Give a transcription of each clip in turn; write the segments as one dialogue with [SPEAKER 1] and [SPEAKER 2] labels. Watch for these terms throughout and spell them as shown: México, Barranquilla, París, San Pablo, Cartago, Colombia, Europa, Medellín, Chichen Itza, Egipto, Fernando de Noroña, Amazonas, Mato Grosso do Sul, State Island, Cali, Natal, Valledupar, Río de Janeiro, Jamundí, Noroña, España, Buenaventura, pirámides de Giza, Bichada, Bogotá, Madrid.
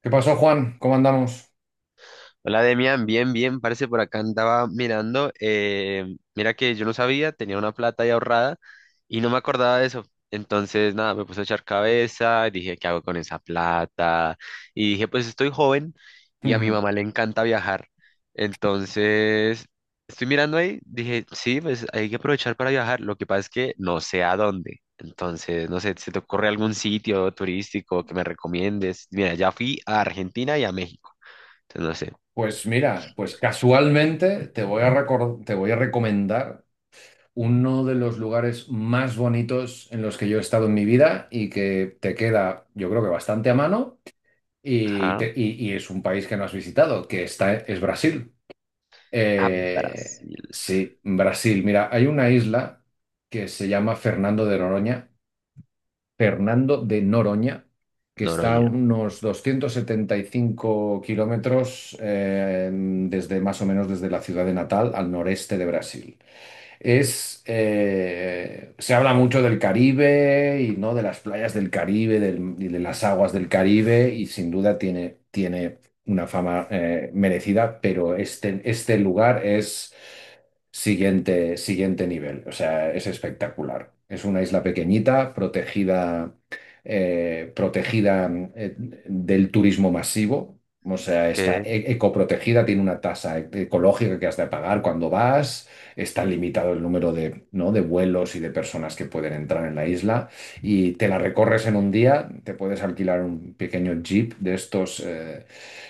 [SPEAKER 1] ¿Qué pasó, Juan? ¿Cómo andamos?
[SPEAKER 2] Hola Demian, bien, bien, parece por acá andaba mirando. Mira que yo no sabía, tenía una plata ahí ahorrada y no me acordaba de eso. Entonces, nada, me puse a echar cabeza, dije, ¿qué hago con esa plata? Y dije, pues estoy joven y a mi mamá le encanta viajar. Entonces, estoy mirando ahí, dije, sí, pues hay que aprovechar para viajar. Lo que pasa es que no sé a dónde. Entonces, no sé, ¿se te ocurre algún sitio turístico que me recomiendes? Mira, ya fui a Argentina y a México. Entonces, no sé.
[SPEAKER 1] Pues mira, casualmente te voy a recomendar uno de los lugares más bonitos en los que yo he estado en mi vida y que te queda, yo creo que bastante a mano
[SPEAKER 2] Ajá.
[SPEAKER 1] y es un país que no has visitado, es Brasil.
[SPEAKER 2] A
[SPEAKER 1] Eh,
[SPEAKER 2] Brasil.
[SPEAKER 1] sí, Brasil. Mira, hay una isla que se llama Fernando de Noroña, Fernando de Noroña, que está a
[SPEAKER 2] Noroña.
[SPEAKER 1] unos 275 kilómetros desde más o menos desde la ciudad de Natal al noreste de Brasil. Se habla mucho del Caribe y, ¿no?, de las playas y de las aguas del Caribe, y sin duda tiene una fama merecida, pero este lugar es siguiente nivel, o sea, es espectacular. Es una isla pequeñita, protegida, protegida del turismo masivo. O sea, está
[SPEAKER 2] Okay.
[SPEAKER 1] ecoprotegida, tiene una tasa ecológica que has de pagar cuando vas. Está limitado el número de, ¿no?, de vuelos y de personas que pueden entrar en la isla, y te la recorres en un día. Te puedes alquilar un pequeño jeep de estos,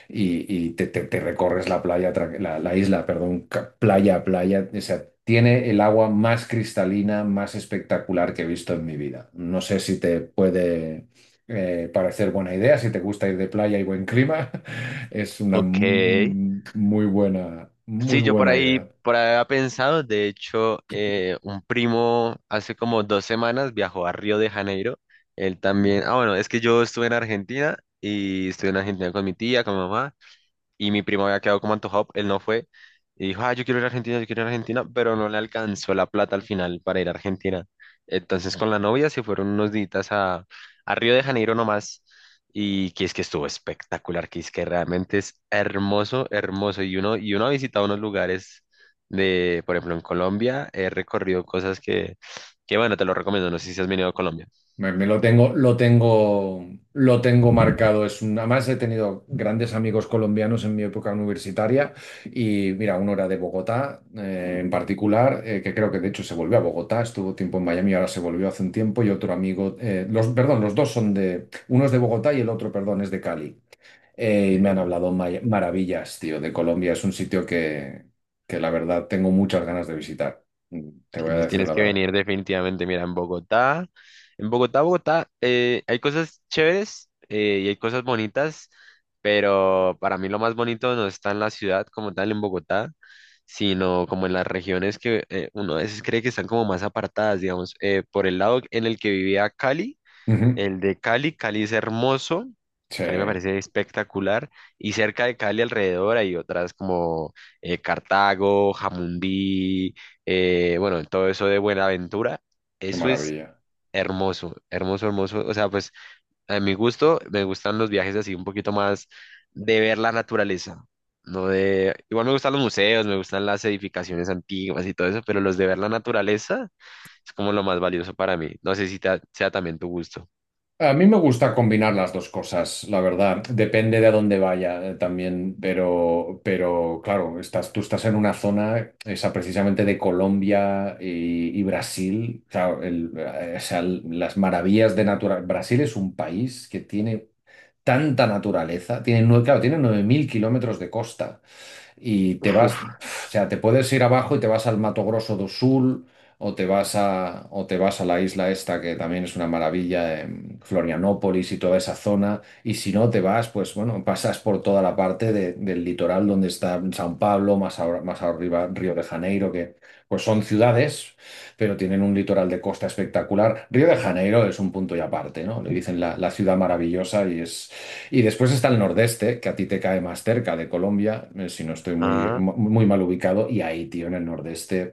[SPEAKER 1] y te recorres la isla, perdón, playa a playa. O sea, tiene el agua más cristalina, más espectacular que he visto en mi vida. No sé si te puede parecer buena idea. Si te gusta ir de playa y buen clima, es una
[SPEAKER 2] Okay.
[SPEAKER 1] muy
[SPEAKER 2] Sí, yo
[SPEAKER 1] buena idea.
[SPEAKER 2] por ahí había pensado. De hecho, un primo hace como dos semanas viajó a Río de Janeiro. Él también. Ah, bueno, es que yo estuve en Argentina y estuve en Argentina con mi tía, con mi mamá. Y mi primo había quedado como antojado, él no fue y dijo, ah, yo quiero ir a Argentina, yo quiero ir a Argentina, pero no le alcanzó la plata al final para ir a Argentina. Entonces con la novia se fueron unos días a Río de Janeiro nomás y que es que estuvo espectacular, que es que realmente es hermoso, hermoso y uno ha visitado unos lugares de, por ejemplo, en Colombia, he recorrido cosas que bueno, te lo recomiendo, no sé si has venido a Colombia.
[SPEAKER 1] Me lo tengo, lo tengo, Lo tengo marcado. Además, he tenido grandes amigos colombianos en mi época universitaria, y mira, uno era de Bogotá, en particular, que creo que de hecho se volvió a Bogotá, estuvo tiempo en Miami, ahora se volvió hace un tiempo. Y otro amigo, los, perdón, los dos son de... uno es de Bogotá y el otro, perdón, es de Cali. Y me
[SPEAKER 2] Que
[SPEAKER 1] han hablado maravillas, tío, de Colombia. Es un sitio que la verdad tengo muchas ganas de visitar. Te voy a
[SPEAKER 2] tienes,
[SPEAKER 1] decir
[SPEAKER 2] tienes
[SPEAKER 1] la
[SPEAKER 2] que
[SPEAKER 1] verdad.
[SPEAKER 2] venir definitivamente. Mira, en Bogotá, en Bogotá, hay cosas chéveres y hay cosas bonitas, pero para mí lo más bonito no está en la ciudad como tal, en Bogotá, sino como en las regiones que uno a veces cree que están como más apartadas, digamos, por el lado en el que vivía Cali.
[SPEAKER 1] Ujú.
[SPEAKER 2] El de Cali, Cali es hermoso,
[SPEAKER 1] Sí,
[SPEAKER 2] Cali me parece espectacular, y cerca de Cali alrededor hay otras como Cartago, Jamundí, bueno, todo eso de Buenaventura,
[SPEAKER 1] qué
[SPEAKER 2] eso es
[SPEAKER 1] maravilla.
[SPEAKER 2] hermoso, hermoso, hermoso, o sea, pues a mi gusto me gustan los viajes así un poquito más de ver la naturaleza, no de, igual me gustan los museos, me gustan las edificaciones antiguas y todo eso, pero los de ver la naturaleza es como lo más valioso para mí, no sé si sea también tu gusto.
[SPEAKER 1] A mí me gusta combinar las dos cosas, la verdad. Depende de a dónde vaya, también, pero claro, tú estás en una zona, esa precisamente, de Colombia y Brasil. Claro, o sea, las maravillas de naturaleza. Brasil es un país que tiene tanta naturaleza. Claro, tiene 9.000 kilómetros de costa. Y te vas,
[SPEAKER 2] Uf.
[SPEAKER 1] o sea, te puedes ir abajo y te vas al Mato Grosso do Sul, o te vas a la isla esta que también es una maravilla, Florianópolis y toda esa zona. Y si no, te vas, pues bueno, pasas por toda la parte del litoral donde está San Pablo, más, más arriba, Río de Janeiro, que pues son ciudades, pero tienen un litoral de costa espectacular. Río de Janeiro es un punto y aparte, ¿no? Le dicen la, la ciudad maravillosa, y es... Y después está el nordeste, que a ti te cae más cerca de Colombia, si no estoy
[SPEAKER 2] Ah,
[SPEAKER 1] muy mal ubicado. Y ahí, tío, en el nordeste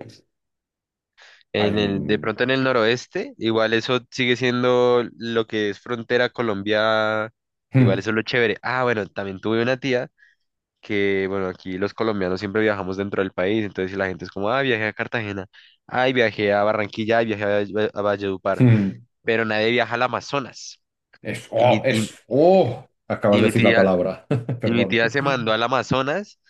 [SPEAKER 1] hay
[SPEAKER 2] en el, de
[SPEAKER 1] un...
[SPEAKER 2] pronto en el noroeste, igual eso sigue siendo lo que es frontera Colombia, igual
[SPEAKER 1] Hmm,
[SPEAKER 2] eso es lo chévere. Ah, bueno, también tuve una tía que, bueno, aquí los colombianos siempre viajamos dentro del país, entonces si la gente es como, ah, viajé a Cartagena, ay, viajé a Barranquilla, ay, viajé a Valledupar,
[SPEAKER 1] hmm.
[SPEAKER 2] pero nadie viaja al Amazonas.
[SPEAKER 1] Es...
[SPEAKER 2] Y
[SPEAKER 1] ¡Oh!
[SPEAKER 2] mi, y,
[SPEAKER 1] Es... ¡Oh! Acabas
[SPEAKER 2] y
[SPEAKER 1] de
[SPEAKER 2] mi
[SPEAKER 1] decir la
[SPEAKER 2] tía,
[SPEAKER 1] palabra.
[SPEAKER 2] y mi
[SPEAKER 1] Perdón.
[SPEAKER 2] tía se mandó al Amazonas.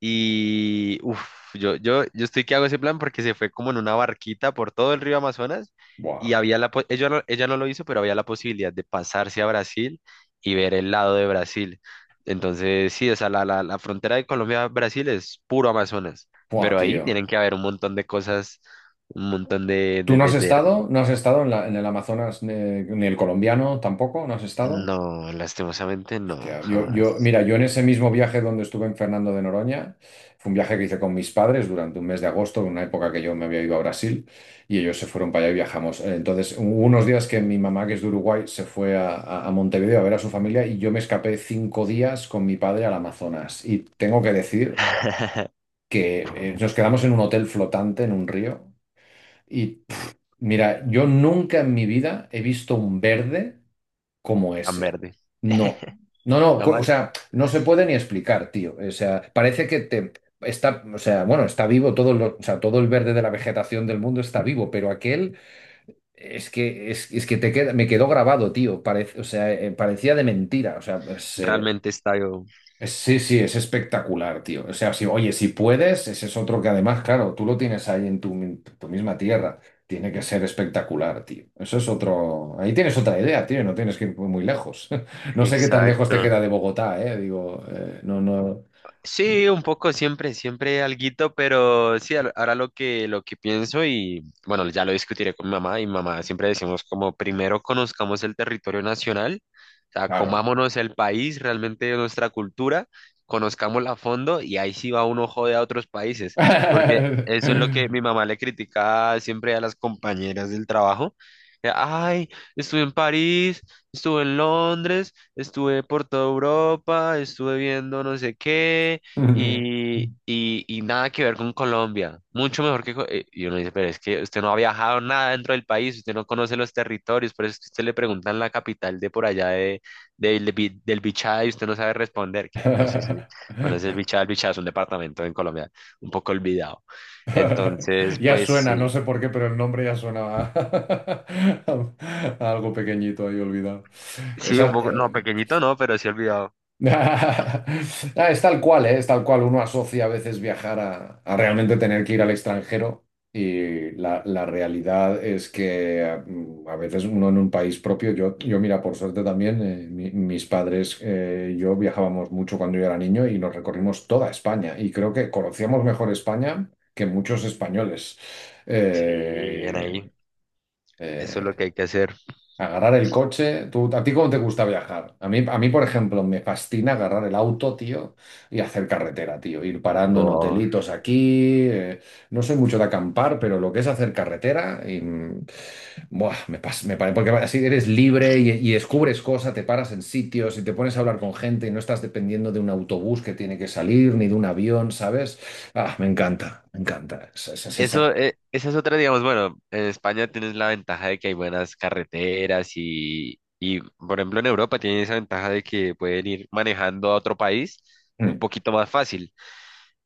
[SPEAKER 2] Y uff, yo estoy que hago ese plan porque se fue como en una barquita por todo el río Amazonas y
[SPEAKER 1] Buah.
[SPEAKER 2] había ella no lo hizo, pero había la posibilidad de pasarse a Brasil y ver el lado de Brasil. Entonces, sí, o sea, la frontera de Colombia-Brasil es puro Amazonas,
[SPEAKER 1] Buah,
[SPEAKER 2] pero ahí tienen
[SPEAKER 1] tío.
[SPEAKER 2] que haber un montón de cosas, un montón de,
[SPEAKER 1] ¿Tú
[SPEAKER 2] de,
[SPEAKER 1] no has
[SPEAKER 2] de, de...
[SPEAKER 1] estado? ¿No has estado en en el Amazonas, ni el colombiano tampoco? ¿No has estado?
[SPEAKER 2] No, lastimosamente no,
[SPEAKER 1] Hostia,
[SPEAKER 2] jamás.
[SPEAKER 1] mira, yo en ese mismo viaje donde estuve en Fernando de Noroña, fue un viaje que hice con mis padres durante un mes de agosto, en una época que yo me había ido a Brasil, y ellos se fueron para allá y viajamos. Entonces, hubo unos días que mi mamá, que es de Uruguay, se fue a, a Montevideo a ver a su familia, y yo me escapé 5 días con mi padre al Amazonas. Y tengo que decir que nos quedamos en un hotel flotante en un río. Y mira, yo nunca en mi vida he visto un verde como
[SPEAKER 2] Tan
[SPEAKER 1] ese.
[SPEAKER 2] verde,
[SPEAKER 1] No, no, o
[SPEAKER 2] jamás.
[SPEAKER 1] sea, no se puede ni explicar, tío. O sea, parece que te o sea, bueno, está vivo todo o sea, todo el verde de la vegetación del mundo está vivo, pero aquel es que te queda, me quedó grabado, tío. Parece, o sea, parecía de mentira. O sea, pues,
[SPEAKER 2] Realmente está yo.
[SPEAKER 1] sí, sí, es espectacular, tío. O sea, si, oye, si puedes, ese es otro que además, claro, tú lo tienes ahí en tu misma tierra. Tiene que ser espectacular, tío. Eso es otro. Ahí tienes otra idea, tío. No tienes que ir muy muy lejos. No sé qué tan lejos te
[SPEAKER 2] Exacto.
[SPEAKER 1] queda de Bogotá, eh. Digo, no, no.
[SPEAKER 2] Sí, un poco siempre, siempre alguito, pero sí, ahora lo que pienso y bueno, ya lo discutiré con mi mamá y mamá siempre decimos como primero conozcamos el territorio nacional, o sea,
[SPEAKER 1] Claro.
[SPEAKER 2] comámonos el país, realmente nuestra cultura, conozcámosla a fondo y ahí sí va uno jode a otros países, porque eso es lo que mi mamá le critica siempre a las compañeras del trabajo. Que, ay, estuve en París, estuve en Londres. Estuve por toda Europa, estuve viendo no sé qué y nada que ver con Colombia. Mucho mejor que... Y uno dice, pero es que usted no ha viajado nada dentro del país, usted no conoce los territorios, por eso es que usted le preguntan la capital de por allá de, del Bichada y usted no sabe responder, que no sé si conoce el Bichada es un departamento en Colombia un poco olvidado. Entonces,
[SPEAKER 1] Ya
[SPEAKER 2] pues
[SPEAKER 1] suena, no
[SPEAKER 2] sí,
[SPEAKER 1] sé por qué, pero el nombre ya suena a, a algo pequeñito ahí olvidado.
[SPEAKER 2] sí, un
[SPEAKER 1] Esa,
[SPEAKER 2] poco,
[SPEAKER 1] eh,
[SPEAKER 2] no, pequeñito no, pero sí olvidado.
[SPEAKER 1] Ah, es tal cual, ¿eh? Es tal cual. Uno asocia a veces viajar a realmente tener que ir al extranjero, y la realidad es que, a veces uno en un país propio, yo mira, por suerte también, mis padres y yo viajábamos mucho cuando yo era niño y nos recorrimos toda España, y creo que conocíamos mejor España que muchos españoles.
[SPEAKER 2] Sí, bien ahí,
[SPEAKER 1] Eh,
[SPEAKER 2] eso es lo
[SPEAKER 1] eh,
[SPEAKER 2] que hay que hacer.
[SPEAKER 1] Agarrar el coche. ¿Tú, a ti cómo te gusta viajar? A mí, por ejemplo, me fascina agarrar el auto, tío, y hacer carretera, tío. Ir parando
[SPEAKER 2] Bo
[SPEAKER 1] en hotelitos aquí. No soy mucho de acampar, pero lo que es hacer carretera, buah, me pas- me pare- porque así eres libre y descubres cosas, te paras en sitios y te pones a hablar con gente y no estás dependiendo de un autobús que tiene que salir ni de un avión, ¿sabes? Ah, me encanta, me encanta.
[SPEAKER 2] Eso, esa es otra, digamos, bueno, en España tienes la ventaja de que hay buenas carreteras y, por ejemplo, en Europa tienen esa ventaja de que pueden ir manejando a otro país un
[SPEAKER 1] Mm,
[SPEAKER 2] poquito más fácil.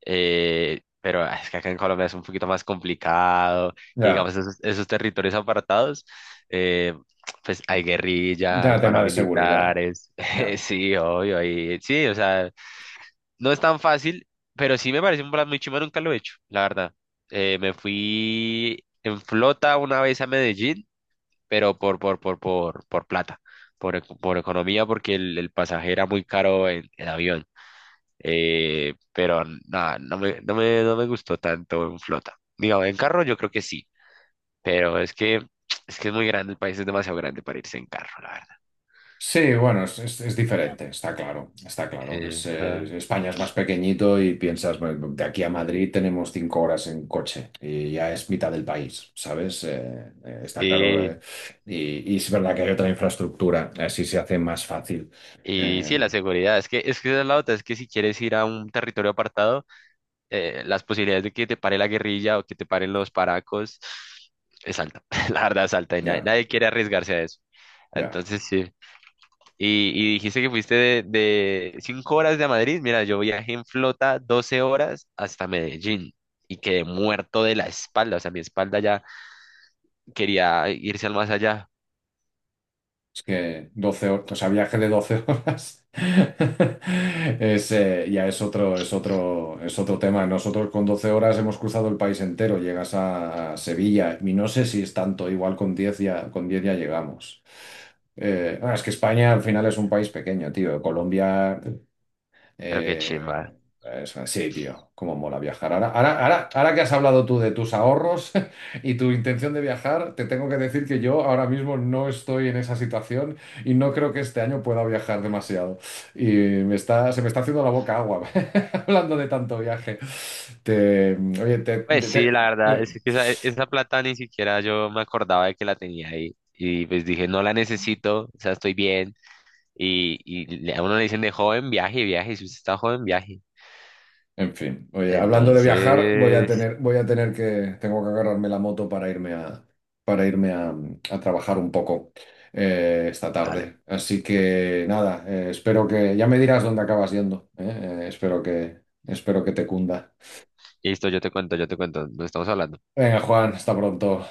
[SPEAKER 2] Pero ah, es que acá en Colombia es un poquito más complicado y,
[SPEAKER 1] ya,
[SPEAKER 2] digamos, esos, esos territorios apartados, eh, pues hay guerrilla, hay
[SPEAKER 1] ya, tema de seguridad.
[SPEAKER 2] paramilitares,
[SPEAKER 1] Ya.
[SPEAKER 2] sí, obvio, hay, sí, o sea, no es tan fácil, pero sí me parece un plan muy chimba, nunca lo he hecho, la verdad. Me fui en flota una vez a Medellín, pero por plata, por economía, porque el pasaje era muy caro en avión. Pero nada, no me gustó tanto en flota. Digo, en carro yo creo que sí, pero es que, es que es muy grande, el país es demasiado grande para irse en carro, la verdad.
[SPEAKER 1] Sí, bueno, es diferente, está claro, está claro.
[SPEAKER 2] Ajá.
[SPEAKER 1] España es más pequeñito y piensas, bueno, de aquí a Madrid tenemos 5 horas en coche y ya es mitad del país, ¿sabes? Está claro.
[SPEAKER 2] Sí.
[SPEAKER 1] Y es verdad que hay otra infraestructura, así se hace más fácil.
[SPEAKER 2] Y sí, la
[SPEAKER 1] Eh,
[SPEAKER 2] seguridad, es que esa es la otra, es que si quieres ir a un territorio apartado, las posibilidades de que te pare la guerrilla o que te paren los paracos es alta, la verdad es alta y nadie,
[SPEAKER 1] ya,
[SPEAKER 2] nadie quiere arriesgarse a eso.
[SPEAKER 1] ya.
[SPEAKER 2] Entonces sí, y dijiste que fuiste de 5 horas de Madrid, mira, yo viajé en flota 12 horas hasta Medellín y quedé muerto de la espalda, o sea, mi espalda ya quería irse al más allá,
[SPEAKER 1] Es que 12 horas, o sea, viaje de 12 horas es, ya es otro, es otro tema. Nosotros con 12 horas hemos cruzado el país entero, llegas a Sevilla y no sé si es tanto, igual con 10 ya, con 10 ya llegamos. Es que España al final es un país pequeño, tío. Colombia
[SPEAKER 2] pero qué chimba.
[SPEAKER 1] eh, Eso, sí, tío, cómo mola viajar. Ahora que has hablado tú de tus ahorros y tu intención de viajar, te tengo que decir que yo ahora mismo no estoy en esa situación, y no creo que este año pueda viajar demasiado. Se me está haciendo la boca agua hablando de tanto viaje. Te, oye, te,
[SPEAKER 2] Pues
[SPEAKER 1] te-
[SPEAKER 2] sí, la verdad,
[SPEAKER 1] te-
[SPEAKER 2] es que esa plata ni siquiera yo me acordaba de que la tenía ahí. Y pues dije, no la necesito, o sea, estoy bien. Y a uno le dicen de joven, viaje, viaje. Si usted está joven, viaje.
[SPEAKER 1] En fin, oye, hablando de viajar,
[SPEAKER 2] Entonces,
[SPEAKER 1] voy a tener que... Tengo que agarrarme la moto para irme a trabajar un poco esta
[SPEAKER 2] dale.
[SPEAKER 1] tarde. Así que nada, espero que... Ya me dirás dónde acabas yendo, ¿eh? Eh, espero que, Espero que te cunda.
[SPEAKER 2] Listo, yo te cuento, yo te cuento. No estamos hablando.
[SPEAKER 1] Venga, Juan, hasta pronto.